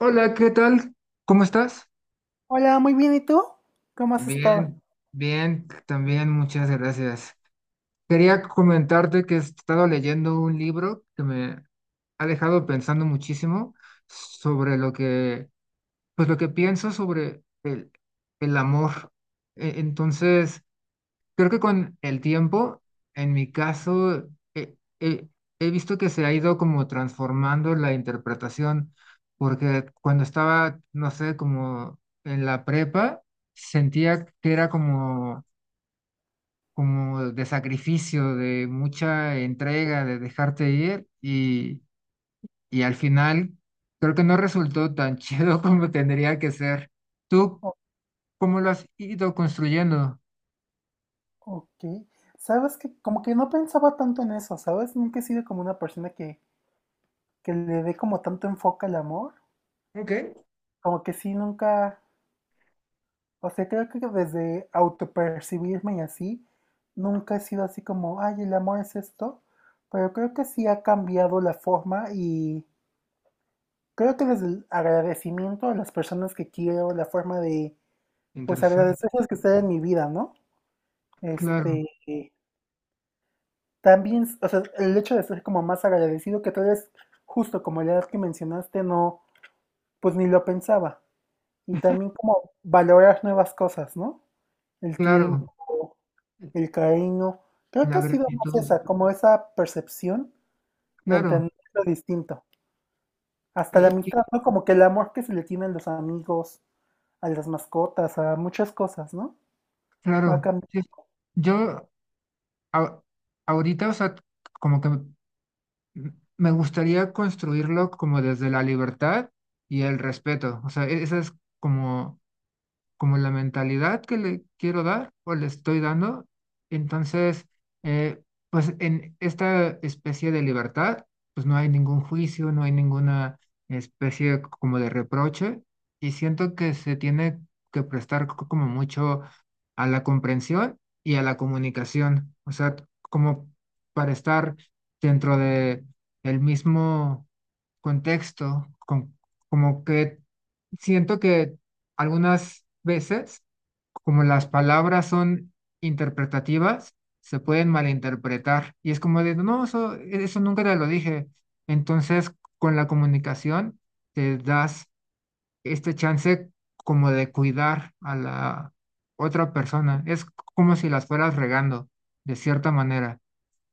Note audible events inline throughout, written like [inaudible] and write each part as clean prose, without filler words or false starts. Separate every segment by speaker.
Speaker 1: Hola, ¿qué tal? ¿Cómo estás?
Speaker 2: Hola, muy bien, ¿y tú? ¿Cómo has estado?
Speaker 1: Bien, bien, también muchas gracias. Quería comentarte que he estado leyendo un libro que me ha dejado pensando muchísimo sobre pues lo que pienso sobre el amor. Entonces, creo que con el tiempo, en mi caso, he visto que se ha ido como transformando la interpretación, porque cuando estaba, no sé, como en la prepa, sentía que era como de sacrificio, de mucha entrega, de dejarte ir, y al final creo que no resultó tan [laughs] chido como tendría que ser. ¿Tú
Speaker 2: O-
Speaker 1: cómo lo has ido construyendo?
Speaker 2: ok, sabes que como que no pensaba tanto en eso, ¿sabes? Nunca he sido como una persona que le dé como tanto enfoque al amor,
Speaker 1: Ok.
Speaker 2: como que sí, nunca, o sea, creo que desde autopercibirme y así, nunca he sido así como, ay, el amor es esto, pero creo que sí ha cambiado la forma y creo que desde el agradecimiento a las personas que quiero, la forma pues
Speaker 1: Interesante.
Speaker 2: agradecerles que estén en mi vida, ¿no?
Speaker 1: Claro,
Speaker 2: Este... También, o sea, el hecho de ser como más agradecido, que tal vez justo como la edad que mencionaste, no, pues ni lo pensaba. Y también como valorar nuevas cosas, ¿no? El
Speaker 1: claro.
Speaker 2: tiempo, el cariño. Creo
Speaker 1: La
Speaker 2: que ha sido más
Speaker 1: gratitud,
Speaker 2: esa, como esa percepción de
Speaker 1: claro,
Speaker 2: entender lo distinto. Hasta la
Speaker 1: eh,
Speaker 2: amistad,
Speaker 1: que-
Speaker 2: ¿no? Como que el amor que se le tiene a los amigos, a las mascotas, a muchas cosas, ¿no? Va
Speaker 1: claro.
Speaker 2: cambiando.
Speaker 1: Sí. Yo a- ahorita, o sea, como que me gustaría construirlo como desde la libertad y el respeto. O sea, esa es como como la mentalidad que le quiero dar o le estoy dando. Entonces, eh, pues en esta especie de libertad, pues no hay ningún juicio, no hay ninguna especie como de reproche y siento que se tiene que prestar como mucho a la comprensión y a la comunicación, o sea, como para estar dentro de el mismo contexto, como que siento que algunas veces, como las palabras son interpretativas, se pueden malinterpretar y es como de, no, eso nunca te lo dije. Entonces, con la comunicación te das este chance como de cuidar a la otra persona. Es como si las fueras regando, de cierta manera.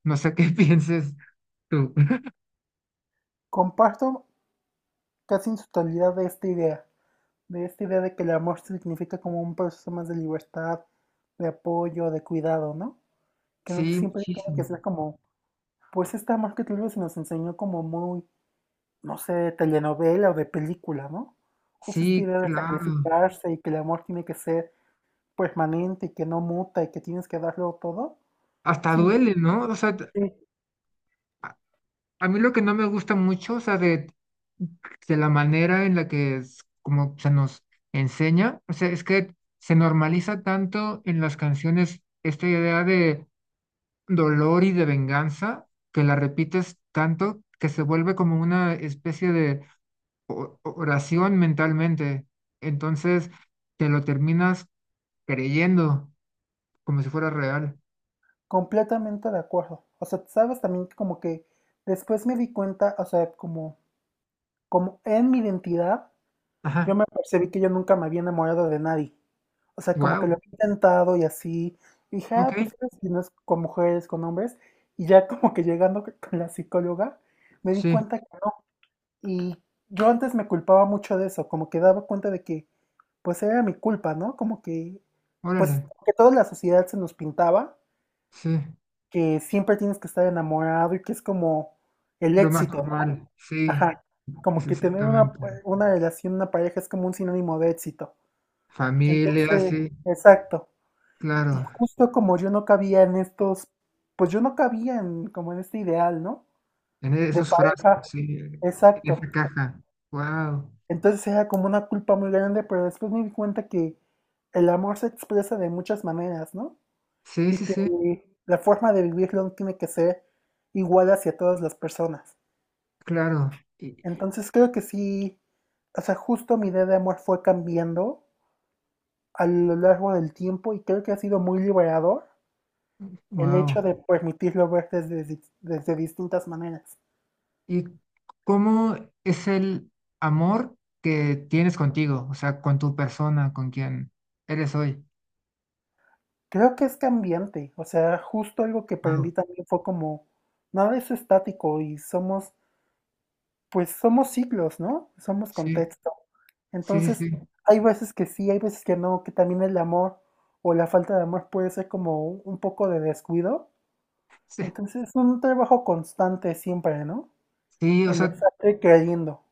Speaker 1: No sé qué [laughs] pienses tú.
Speaker 2: Comparto casi en su totalidad de esta idea. De esta idea de que el amor significa como un proceso más de libertad, de apoyo, de cuidado, ¿no? Que no
Speaker 1: Sí,
Speaker 2: siempre tiene que
Speaker 1: muchísimo.
Speaker 2: ser como, pues este amor que tal vez se nos enseñó como muy, no sé, de telenovela o de película, ¿no? Justo esta
Speaker 1: Sí,
Speaker 2: idea de
Speaker 1: claro.
Speaker 2: sacrificarse y que el amor tiene que ser permanente y que no muta y que tienes que darlo todo,
Speaker 1: Hasta
Speaker 2: siento
Speaker 1: duele,
Speaker 2: que
Speaker 1: ¿no? O sea,
Speaker 2: sí,
Speaker 1: a, a mí lo que no me gusta mucho, o sea, de la manera en la que es, como se nos enseña, o sea, es que se normaliza tanto en las canciones esta idea de dolor y de venganza, que la repites tanto que se vuelve como una especie de oración mentalmente. Entonces, te lo terminas creyendo como si fuera real.
Speaker 2: completamente de acuerdo. O sea, sabes también que como que después me di cuenta, o sea, como, como en mi identidad, yo
Speaker 1: Ajá.
Speaker 2: me percibí que yo nunca me había enamorado de nadie. O sea, como que lo
Speaker 1: Wow.
Speaker 2: había intentado y así. Y dije, ah,
Speaker 1: Ok.
Speaker 2: pues sabes si no es con mujeres, con hombres. Y ya como que llegando [laughs] con la psicóloga, me di
Speaker 1: Sí.
Speaker 2: cuenta que no. Y yo antes me culpaba mucho de eso, como que daba cuenta de que, pues era mi culpa, ¿no? Como que, pues,
Speaker 1: Órale.
Speaker 2: como que toda la sociedad se nos pintaba,
Speaker 1: Sí.
Speaker 2: que siempre tienes que estar enamorado y que es como el
Speaker 1: Lo más
Speaker 2: éxito, ¿no?
Speaker 1: normal, sí,
Speaker 2: Ajá.
Speaker 1: es
Speaker 2: Como que tener
Speaker 1: exactamente.
Speaker 2: una relación, una pareja es como un sinónimo de éxito.
Speaker 1: Familia,
Speaker 2: Entonces,
Speaker 1: sí,
Speaker 2: exacto. Y
Speaker 1: claro.
Speaker 2: justo como yo no cabía en estos, pues yo no cabía en como en este ideal, ¿no?
Speaker 1: En
Speaker 2: De
Speaker 1: esos frascos,
Speaker 2: pareja,
Speaker 1: sí, en
Speaker 2: exacto.
Speaker 1: esa caja. Wow.
Speaker 2: Entonces era como una culpa muy grande, pero después me di cuenta que el amor se expresa de muchas maneras, ¿no?
Speaker 1: Sí,
Speaker 2: Y
Speaker 1: sí, sí,
Speaker 2: que la forma de vivirlo no tiene que ser igual hacia todas las personas.
Speaker 1: claro. Y,
Speaker 2: Entonces creo que sí, o sea, justo mi idea de amor fue cambiando a lo largo del tiempo y creo que ha sido muy liberador el
Speaker 1: wow.
Speaker 2: hecho de permitirlo ver desde, desde distintas maneras.
Speaker 1: ¿Y cómo es el amor que tienes contigo? O sea, con tu persona, con quien eres hoy.
Speaker 2: Creo que es cambiante, o sea, justo algo que
Speaker 1: Wow.
Speaker 2: aprendí también fue como, nada es estático y somos, pues somos ciclos, ¿no? Somos
Speaker 1: Sí,
Speaker 2: contexto.
Speaker 1: sí,
Speaker 2: Entonces,
Speaker 1: sí, sí.
Speaker 2: hay veces que sí, hay veces que no, que también el amor o la falta de amor puede ser como un poco de descuido.
Speaker 1: Sí,
Speaker 2: Entonces, es un trabajo constante siempre, ¿no?
Speaker 1: sí, o
Speaker 2: El
Speaker 1: sea,
Speaker 2: estar creyendo.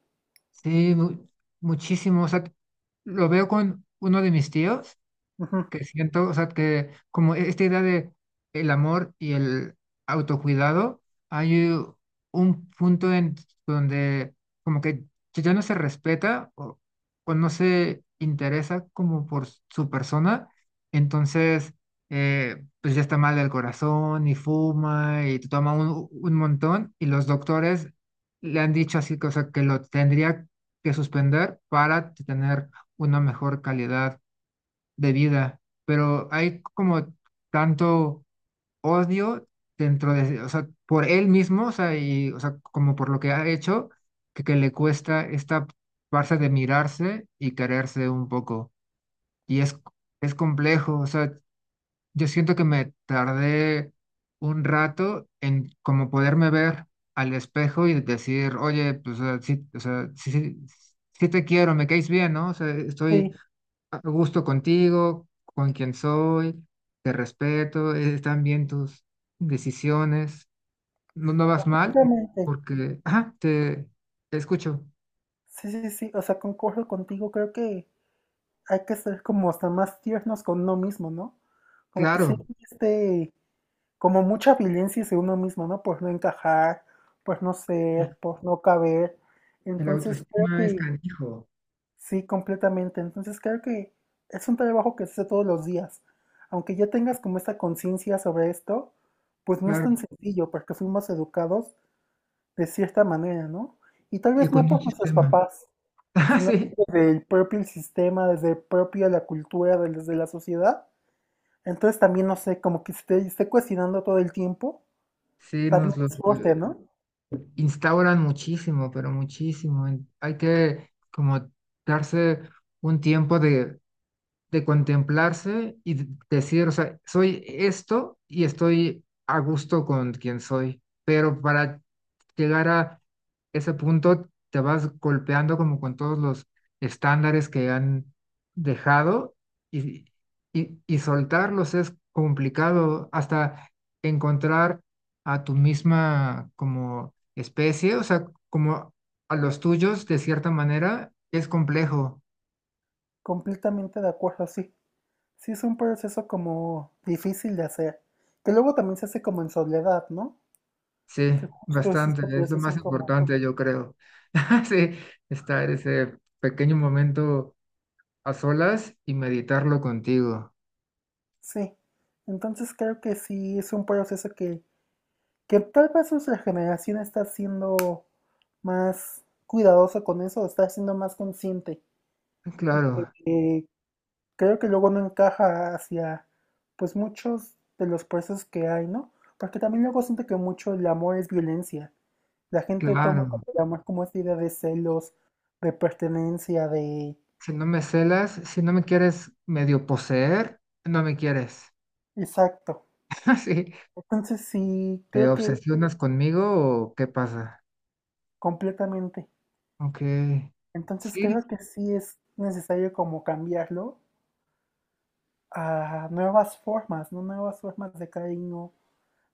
Speaker 1: sí, muchísimo. O sea, lo veo con uno de mis tíos.
Speaker 2: Ujú.
Speaker 1: Que siento, o sea, que como esta idea de el amor y el autocuidado, hay un punto en donde como que ya no se respeta o no se interesa como por su persona, entonces pues ya está mal del corazón y fuma y toma un montón y los doctores le han dicho así, que, o sea, que lo tendría que suspender para tener una mejor calidad de vida, pero hay como tanto odio dentro de, o sea, por él mismo, o sea, y, o sea, como por lo que ha hecho, que le cuesta esta parte de mirarse y quererse un poco. Y es, es complejo, o sea, yo siento que me tardé un rato en como poderme ver al espejo y decir, oye, pues, o sea, sí, o sea, sí te quiero, me caes bien, ¿no? O sea, estoy
Speaker 2: Sí,
Speaker 1: a gusto contigo, con quien soy, te respeto, están bien tus decisiones, no vas mal,
Speaker 2: exactamente.
Speaker 1: porque, ajá, te escucho.
Speaker 2: Sí, sí, sí, o sea, concuerdo contigo, creo que hay que ser como hasta más tiernos con uno mismo, ¿no? Como que sí,
Speaker 1: Claro,
Speaker 2: este, como mucha violencia hacia uno mismo, ¿no? Por no encajar, por no ser, por no caber.
Speaker 1: el
Speaker 2: Entonces creo
Speaker 1: autoestima es
Speaker 2: que
Speaker 1: canijo,
Speaker 2: sí, completamente. Entonces creo que es un trabajo que se hace todos los días. Aunque ya tengas como esta conciencia sobre esto, pues no es
Speaker 1: claro,
Speaker 2: tan sencillo porque fuimos educados de cierta manera, ¿no? Y tal
Speaker 1: y
Speaker 2: vez
Speaker 1: con
Speaker 2: no
Speaker 1: un
Speaker 2: por nuestros
Speaker 1: sistema.
Speaker 2: papás
Speaker 1: [laughs] Ah,
Speaker 2: sino que
Speaker 1: sí,
Speaker 2: desde el propio sistema, desde el propio la cultura, desde la sociedad. Entonces también, no sé, como que esté, esté cuestionando todo el tiempo,
Speaker 1: sí,
Speaker 2: también
Speaker 1: nos lo
Speaker 2: es fuerte, ¿no?
Speaker 1: instauran muchísimo, pero muchísimo. Hay que como darse un tiempo de contemplarse y decir, o sea, soy esto y estoy a gusto con quien soy, pero para llegar a ese punto te vas golpeando como con todos los estándares que han dejado y, y soltarlos es complicado hasta encontrar a tu misma como especie, o sea, como a los tuyos de cierta manera es complejo.
Speaker 2: Completamente de acuerdo, sí. Sí es un proceso como difícil de hacer, que luego también se hace como en soledad, ¿no?
Speaker 1: Sí,
Speaker 2: Que justo es
Speaker 1: bastante,
Speaker 2: este
Speaker 1: es lo más
Speaker 2: proceso como,
Speaker 1: importante, yo creo. [laughs] Sí, estar ese pequeño momento a solas y meditarlo contigo.
Speaker 2: sí. Entonces creo que sí es un proceso que tal vez nuestra generación está siendo más cuidadoso con eso, está siendo más consciente,
Speaker 1: Ah, claro,
Speaker 2: eh, creo que luego no encaja hacia pues muchos de los procesos que hay, ¿no? Porque también luego siento que mucho el amor es violencia. La gente toma
Speaker 1: claro.
Speaker 2: como el amor como esta idea de celos, de pertenencia, de...
Speaker 1: Si no me celas, si no me quieres medio poseer, no me quieres.
Speaker 2: Exacto.
Speaker 1: [laughs] Sí,
Speaker 2: Entonces sí,
Speaker 1: ¿te
Speaker 2: creo que
Speaker 1: obsesionas conmigo o qué pasa?
Speaker 2: completamente.
Speaker 1: Ok,
Speaker 2: Entonces
Speaker 1: sí,
Speaker 2: creo que sí es necesario como cambiarlo a nuevas formas, ¿no? Nuevas formas de cariño,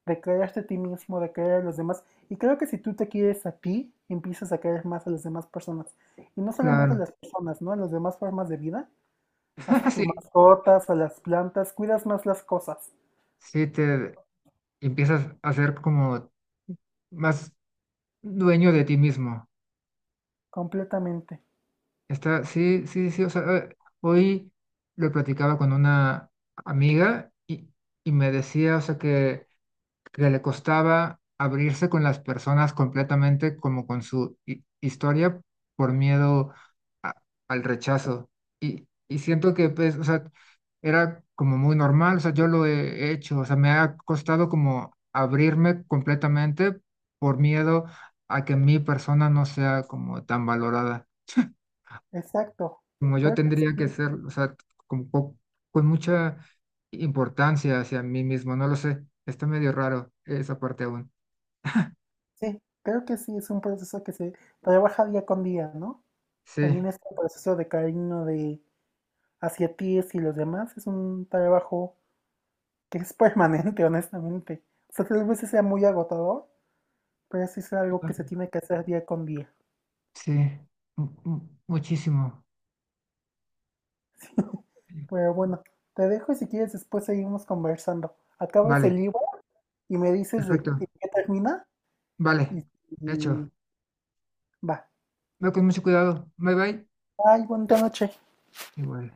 Speaker 2: declararte a ti mismo, de querer a los demás. Y creo que si tú te quieres a ti, empiezas a querer más a las demás personas. Y no solamente a
Speaker 1: claro.
Speaker 2: las personas, ¿no? A las demás formas de vida. Hasta
Speaker 1: [laughs]
Speaker 2: tus
Speaker 1: Sí,
Speaker 2: mascotas, a las plantas, cuidas más las cosas.
Speaker 1: sí, te empiezas a ser como más dueño de ti mismo.
Speaker 2: Completamente.
Speaker 1: Está, sí, sí, sí, o sea, hoy lo platicaba con una amiga y me decía, o sea, que le costaba abrirse con las personas completamente como con su historia por miedo a- al rechazo. Y siento que, pues, o sea, era como muy normal, o sea, yo lo he hecho, o sea, me ha costado como abrirme completamente por miedo a que mi persona no sea como tan valorada
Speaker 2: Exacto.
Speaker 1: como yo
Speaker 2: Creo que
Speaker 1: tendría que
Speaker 2: sí,
Speaker 1: ser, o sea, con, po- con mucha importancia hacia mí mismo, no lo sé, está medio raro esa parte aún.
Speaker 2: sí. Creo que sí, es un proceso que se trabaja día con día, ¿no? También
Speaker 1: Sí,
Speaker 2: este proceso de cariño de hacia ti y los demás es un trabajo que es permanente, [laughs] honestamente. O sea, tal vez sea muy agotador, pero sí es algo que se tiene que hacer día con día.
Speaker 1: sí, muchísimo.
Speaker 2: [laughs] Pero bueno, te dejo y si quieres después seguimos conversando. Acabas
Speaker 1: Vale,
Speaker 2: el libro y me dices de qué
Speaker 1: perfecto,
Speaker 2: termina
Speaker 1: vale,
Speaker 2: y, y
Speaker 1: hecho.
Speaker 2: va.
Speaker 1: Ve con mucho cuidado, bye bye.
Speaker 2: Bye, bonita noche.
Speaker 1: Igual.